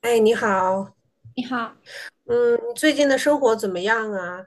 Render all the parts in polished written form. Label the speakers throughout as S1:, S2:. S1: 哎，你好，
S2: 你好，
S1: 嗯，你最近的生活怎么样啊？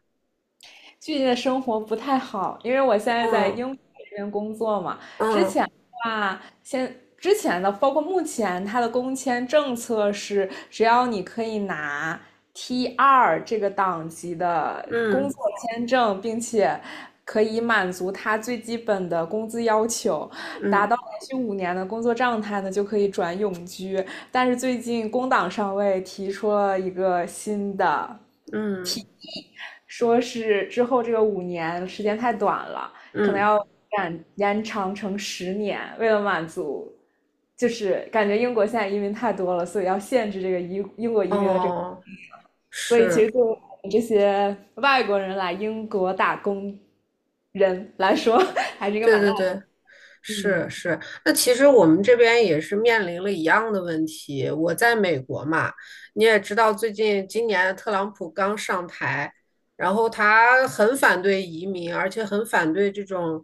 S2: 最近的生活不太好，因为我现在在英
S1: 嗯
S2: 国这边工作嘛。
S1: 嗯
S2: 哇，之前的，包括目前，它的工签政策是，只要你可以拿 T 二这个档级的工
S1: 嗯
S2: 作签证，并且可以满足它最基本的工资要求，达
S1: 嗯
S2: 到连续五年的工作状态呢，就可以转永居。但是最近工党上位提出了一个新的。
S1: 嗯
S2: 说是之后这个五年时间太短了，可能
S1: 嗯，
S2: 要延长成10年，为了满足，就是感觉英国现在移民太多了，所以要限制这个英国移民的这个，
S1: 哦，
S2: 所以其实
S1: 是，
S2: 对我们这些外国人来英国打工人来说，还是一个
S1: 对
S2: 蛮大
S1: 对对，
S2: 的。
S1: 是是。那其实我们这边也是面临了一样的问题。我在美国嘛，你也知道，最近今年特朗普刚上台，然后他很反对移民，而且很反对这种，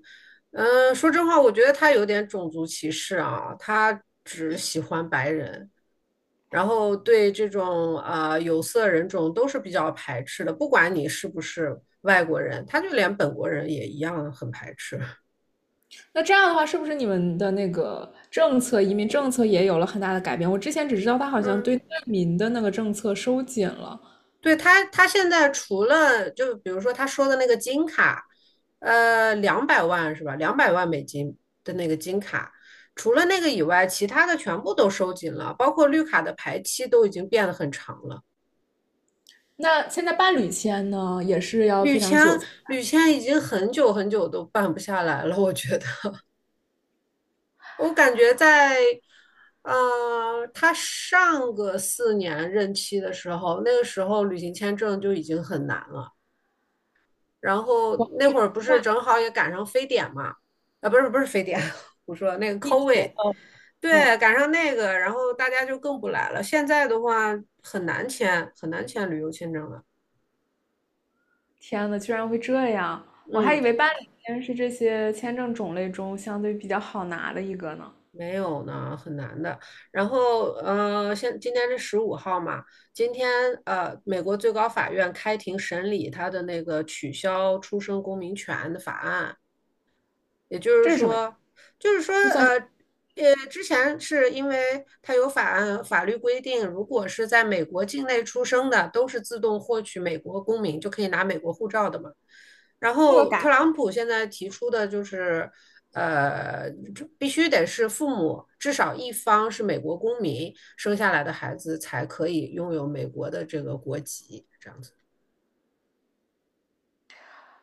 S1: 说真话，我觉得他有点种族歧视啊，他只喜欢白人。然后对这种啊、有色人种都是比较排斥的，不管你是不是外国人，他就连本国人也一样很排斥。
S2: 那这样的话，是不是你们的那个政策，移民政策也有了很大的改变？我之前只知道他好像对
S1: 嗯，
S2: 难民的那个政策收紧了，
S1: 对他现在除了就比如说他说的那个金卡，两百万是吧？200万美金的那个金卡，除了那个以外，其他的全部都收紧了，包括绿卡的排期都已经变得很长了。
S2: 那现在伴侣签呢，也是要
S1: 绿
S2: 非常
S1: 签，
S2: 久才
S1: 绿签已经很久很久都办不下来了，我觉得。我感觉在，他上个四年任期的时候，那个时候旅行签证就已经很难了。然后那会儿不是正好也赶上非典嘛？啊，不是不是非典，我说那个
S2: 一天。
S1: COVID，
S2: 哦。嗯，
S1: 对，赶上那个，然后大家就更不来了。现在的话很难签旅游签证了。
S2: 天呐，居然会这样！我还
S1: 嗯。
S2: 以为伴侣签是这些签证种类中相对比较好拿的一个呢。
S1: 没有呢，很难的。然后，今天是15号嘛，今天美国最高法院开庭审理他的那个取消出生公民权的法案，也就是
S2: 这是什么？
S1: 说，就是说，
S2: 就算是
S1: 呃，之前是因为它有法案法律规定，如果是在美国境内出生的，都是自动获取美国公民，就可以拿美国护照的嘛。然
S2: 这个
S1: 后
S2: 改。
S1: 特朗普现在提出的就是，这必须得是父母至少一方是美国公民生下来的孩子才可以拥有美国的这个国籍，这样子。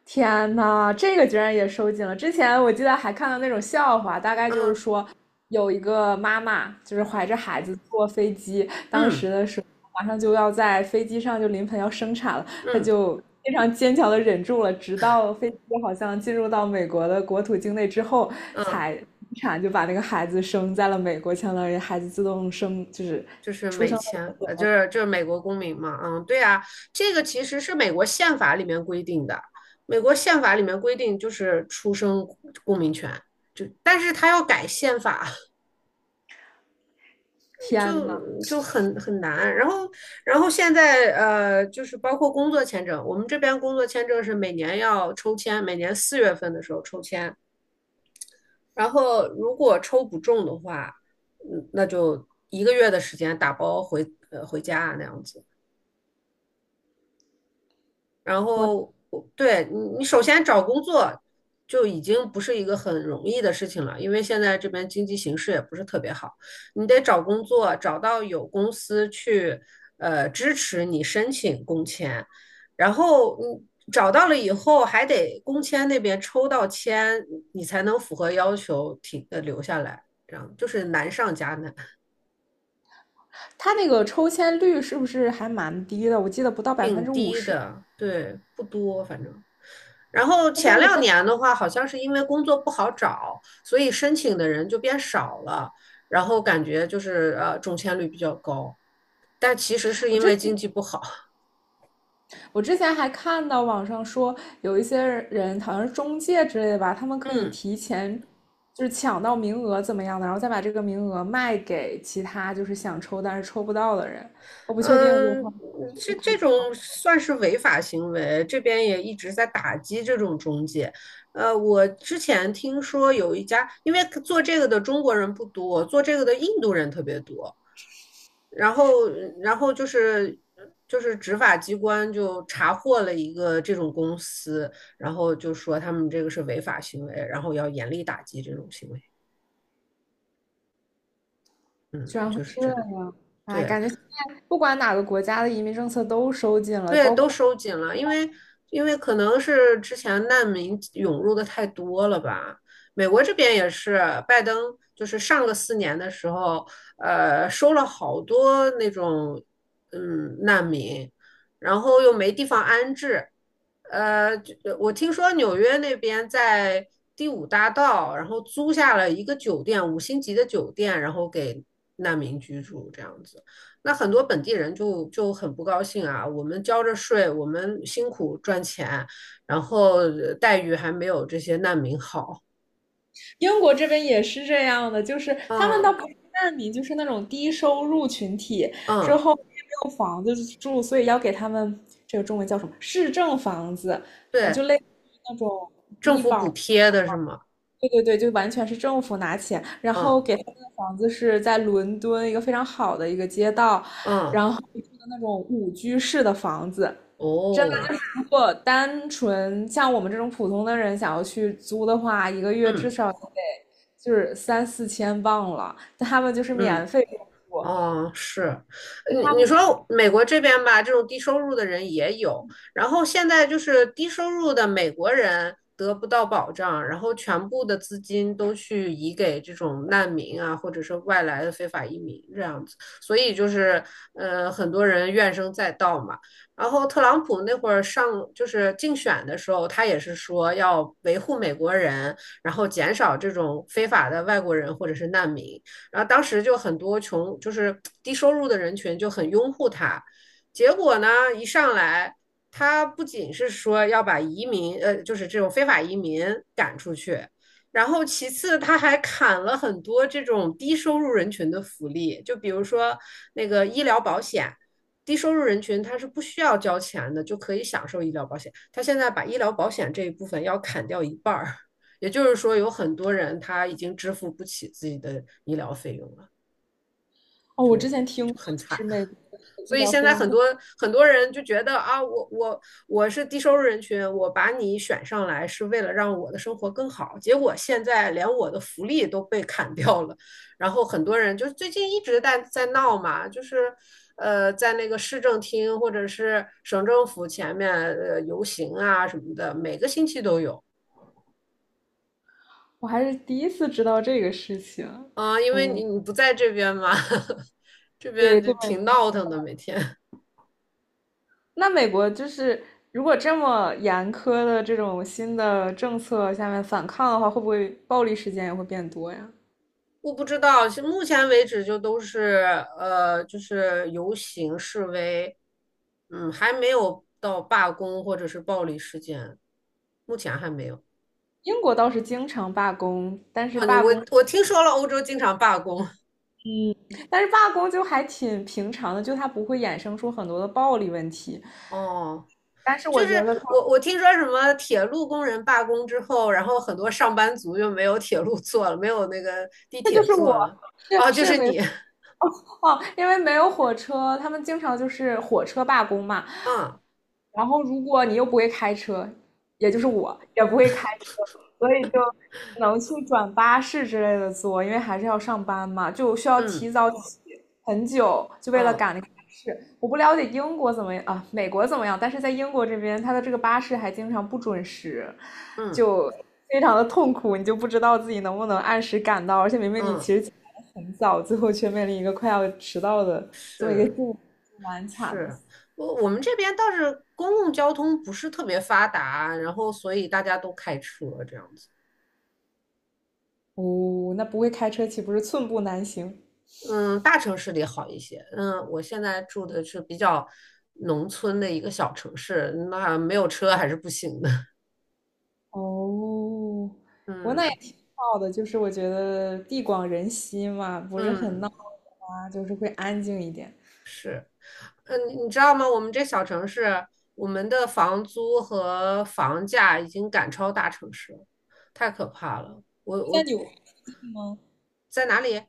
S2: 天呐，这个居然也收紧了！之前我记得还看到那种笑话，大概就是
S1: 嗯
S2: 说有一个妈妈就是怀着
S1: 嗯
S2: 孩子坐飞机，当时
S1: 嗯
S2: 的时候马上就要在飞机上就临盆要生产了，她
S1: 嗯
S2: 就非常坚强的忍住了，直到飞机好像进入到美国的国土境内之后
S1: 嗯。
S2: 才生产，就把那个孩子生在了美国，相当于孩子自动生，就是。
S1: 就是美签，就是美国公民嘛，嗯，对啊，这个其实是美国宪法里面规定的，美国宪法里面规定就是出生公民权，就但是他要改宪法，
S2: 天呐，
S1: 就很难。然后现在就是包括工作签证，我们这边工作签证是每年要抽签，每年4月份的时候抽签，然后如果抽不中的话，嗯，那就一个月的时间打包回家啊那样子。然
S2: 我
S1: 后我对你首先找工作就已经不是一个很容易的事情了，因为现在这边经济形势也不是特别好，你得找工作，找到有公司去支持你申请工签，然后你找到了以后，还得工签那边抽到签，你才能符合要求停留下来，这样就是难上加难，
S2: 他那个抽签率是不是还蛮低的？我记得不到百分
S1: 挺
S2: 之五
S1: 低
S2: 十。
S1: 的，对，不多，反正。然后前两年的话，好像是因为工作不好找，所以申请的人就变少了，然后感觉就是中签率比较高，但其实是因为经济不好。
S2: 我之前还看到网上说，有一些人好像是中介之类的吧，他们可以
S1: 嗯
S2: 提前就是抢到名额怎么样的，然后再把这个名额卖给其他就是想抽但是抽不到的人。我不确定我
S1: 嗯，
S2: 块
S1: 这
S2: 就可
S1: 这
S2: 以。
S1: 种算是违法行为，这边也一直在打击这种中介。我之前听说有一家，因为做这个的中国人不多，做这个的印度人特别多。然后，然后就是执法机关就查获了一个这种公司，然后就说他们这个是违法行为，然后要严厉打击这种行为。
S2: 居
S1: 嗯，
S2: 然会
S1: 就是
S2: 这
S1: 这
S2: 样，
S1: 样。
S2: 哎，
S1: 对，
S2: 感觉现在不管哪个国家的移民政策都收紧了，
S1: 对，
S2: 包
S1: 都
S2: 括
S1: 收紧了，因为可能是之前难民涌入的太多了吧。美国这边也是，拜登就是上个四年的时候，收了好多那种嗯难民，然后又没地方安置。就我听说纽约那边在第五大道，然后租下了一个酒店，5星级的酒店，然后给难民居住，这样子。那很多本地人就很不高兴啊，我们交着税，我们辛苦赚钱，然后待遇还没有这些难民好。
S2: 英国这边也是这样的，就是他们倒
S1: 嗯
S2: 不是难民，就是那种低收入群体，之
S1: 嗯，
S2: 后也没有房子住，所以要给他们这个中文叫什么市政房子，就
S1: 对，
S2: 类似于那种
S1: 政
S2: 低
S1: 府补
S2: 保。
S1: 贴的是吗？
S2: 对对对，就完全是政府拿钱，然后
S1: 嗯
S2: 给他们的房子是在伦敦一个非常好的一个街道，
S1: 嗯，
S2: 然后住的那种5居室的房子，真的
S1: 哦，
S2: 就是如果单纯像我们这种普通的人想要去租的话，一个月至
S1: 嗯
S2: 少得就是3,4千镑了，但他们就是免
S1: 嗯。
S2: 费给我
S1: 哦，是，
S2: 住，
S1: 你
S2: 他们。
S1: 你说美国这边吧，这种低收入的人也有，然后现在就是低收入的美国人得不到保障，然后全部的资金都去移给这种难民啊，或者是外来的非法移民这样子，所以就是很多人怨声载道嘛。然后特朗普那会儿上就是竞选的时候，他也是说要维护美国人，然后减少这种非法的外国人或者是难民。然后当时就很多穷，就是低收入的人群就很拥护他。结果呢，一上来，他不仅是说要把移民，就是这种非法移民赶出去，然后其次他还砍了很多这种低收入人群的福利，就比如说那个医疗保险。低收入人群他是不需要交钱的，就可以享受医疗保险。他现在把医疗保险这一部分要砍掉一半儿，也就是说，有很多人他已经支付不起自己的医疗费用了，
S2: 哦，我之前听过，
S1: 很
S2: 就
S1: 惨。
S2: 是美国的医
S1: 所以
S2: 疗
S1: 现
S2: 费
S1: 在
S2: 用特。
S1: 很多人就觉得啊，我是低收入人群，我把你选上来是为了让我的生活更好，结果现在连我的福利都被砍掉了。然后很多人就最近一直在闹嘛，就是在那个市政厅或者是省政府前面游行啊什么的，每个星期都有。
S2: 我还是第一次知道这个事情，
S1: 啊，因为你
S2: 嗯，
S1: 你不在这边嘛，这
S2: 对
S1: 边就
S2: 对，
S1: 挺闹腾的，每天。
S2: 那美国就是如果这么严苛的这种新的政策下面反抗的话，会不会暴力事件也会变多呀？
S1: 我不知道，是目前为止就都是就是游行示威，嗯，还没有到罢工或者是暴力事件，目前还没有。
S2: 英国倒是经常罢工，但是
S1: 啊，
S2: 罢
S1: 我
S2: 工，
S1: 我听说了，欧洲经常罢工。
S2: 嗯，但是罢工就还挺平常的，就它不会衍生出很多的暴力问题。
S1: 哦，
S2: 但是我
S1: 就
S2: 觉
S1: 是
S2: 得它，
S1: 我听说什么铁路工人罢工之后，然后很多上班族就没有铁路坐了，没有那个地
S2: 这就
S1: 铁
S2: 是
S1: 坐
S2: 我
S1: 了。
S2: 是
S1: 哦，就
S2: 是
S1: 是
S2: 美
S1: 你，
S2: 哦，因为没有火车，他们经常就是火车罢工嘛。
S1: 嗯
S2: 然后如果你又不会开车，也就是
S1: 嗯。
S2: 我也不会开车，所以就只能去转巴士之类的坐，因为还是要上班嘛，就需要
S1: 嗯
S2: 提早起很久，就为了
S1: 嗯
S2: 赶那个巴士。我不了解英国怎么样啊，美国怎么样，但是在英国这边，它的这个巴士还经常不准时，
S1: 嗯
S2: 就非常的痛苦，你就不知道自己能不能按时赶到，而且明明你
S1: 嗯，
S2: 其实很早，最后却面临一个快要迟到的这么一个境
S1: 是
S2: 地，蛮惨的。
S1: 是，我们这边倒是公共交通不是特别发达，然后所以大家都开车这样子。
S2: 哦，那不会开车岂不是寸步难行？
S1: 嗯，大城市里好一些。嗯，我现在住的是比较农村的一个小城市，那没有车还是不行的。
S2: 哦，不过那也
S1: 嗯
S2: 挺好的，就是我觉得地广人稀嘛，不是很闹
S1: 嗯
S2: 啊，就是会安静一点。
S1: 嗯，你知道吗？我们这小城市，我们的房租和房价已经赶超大城市了，太可怕了。我
S2: 在
S1: 我
S2: 纽约
S1: 我
S2: 吗？
S1: 在哪里？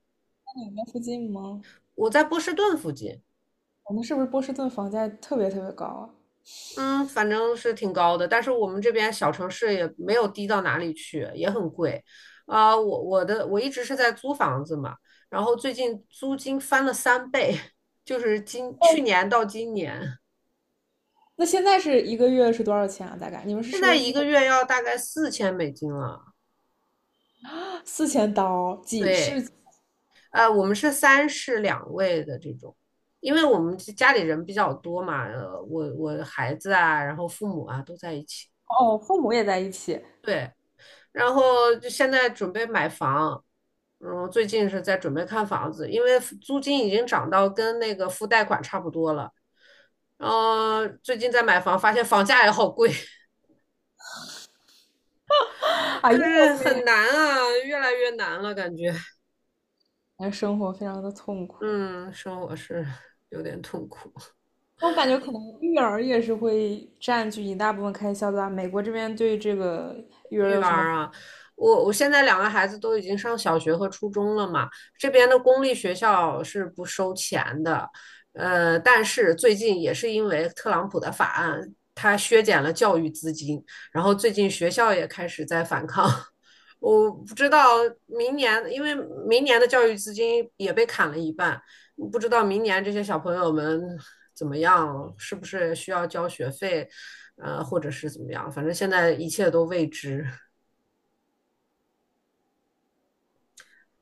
S2: 在纽约附近吗？
S1: 我在波士顿附近，
S2: 我们是不是波士顿房价特别特别高啊？
S1: 嗯，反正是挺高的，但是我们这边小城市也没有低到哪里去，也很贵。啊、我一直是在租房子嘛，然后最近租金翻了3倍，就是
S2: 哎，
S1: 去年到今年，
S2: 那现在是一个月是多少钱啊？大概你们是
S1: 现在
S2: 收
S1: 一
S2: 月。
S1: 个月要大概4000美金了。
S2: 4千刀，几
S1: 对，
S2: 是？
S1: 我们是三室两卫的这种。因为我们家里人比较多嘛，我孩子啊，然后父母啊都在一起。
S2: 哦，父母也在一起
S1: 对，然后就现在准备买房，嗯，最近是在准备看房子，因为租金已经涨到跟那个付贷款差不多了。然后最近在买房，发现房价也好贵，
S2: 啊，英
S1: 就
S2: 国
S1: 是很
S2: 妹
S1: 难啊，越来越难了，感觉，
S2: 那生活非常的痛苦。
S1: 嗯，生活是有点痛苦。
S2: 那我感觉可能育儿也是会占据一大部分开销的吧，美国这边对这个育儿
S1: 育
S2: 有什么？
S1: 儿啊，我现在两个孩子都已经上小学和初中了嘛，这边的公立学校是不收钱的，但是最近也是因为特朗普的法案，他削减了教育资金，然后最近学校也开始在反抗。我不知道明年，因为明年的教育资金也被砍了一半，不知道明年这些小朋友们怎么样，是不是需要交学费，或者是怎么样，反正现在一切都未知。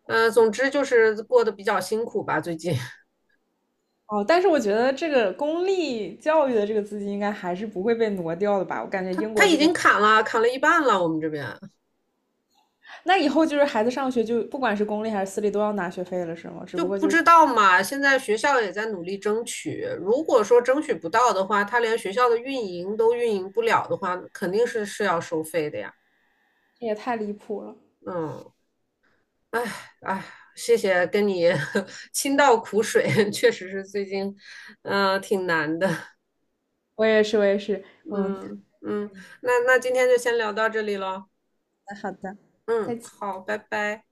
S1: 总之就是过得比较辛苦吧，最近。
S2: 哦，但是我觉得这个公立教育的这个资金应该还是不会被挪掉的吧？我感觉
S1: 他
S2: 英
S1: 他
S2: 国
S1: 已
S2: 这边，
S1: 经砍了，一半了，我们这边
S2: 那以后就是孩子上学就不管是公立还是私立都要拿学费了，是吗？只
S1: 就
S2: 不过
S1: 不
S2: 就是
S1: 知道嘛。现在学校也在努力争取，如果说争取不到的话，他连学校的运营都运营不了的话，肯定是要收费的呀。
S2: 这也太离谱了。
S1: 嗯，哎哎，谢谢跟你 倾倒苦水，确实是最近，嗯，挺难的。
S2: 我也是，我也是，嗯，
S1: 嗯嗯，那今天就先聊到这里喽。
S2: 好的，再
S1: 嗯，
S2: 见。
S1: 好，拜拜。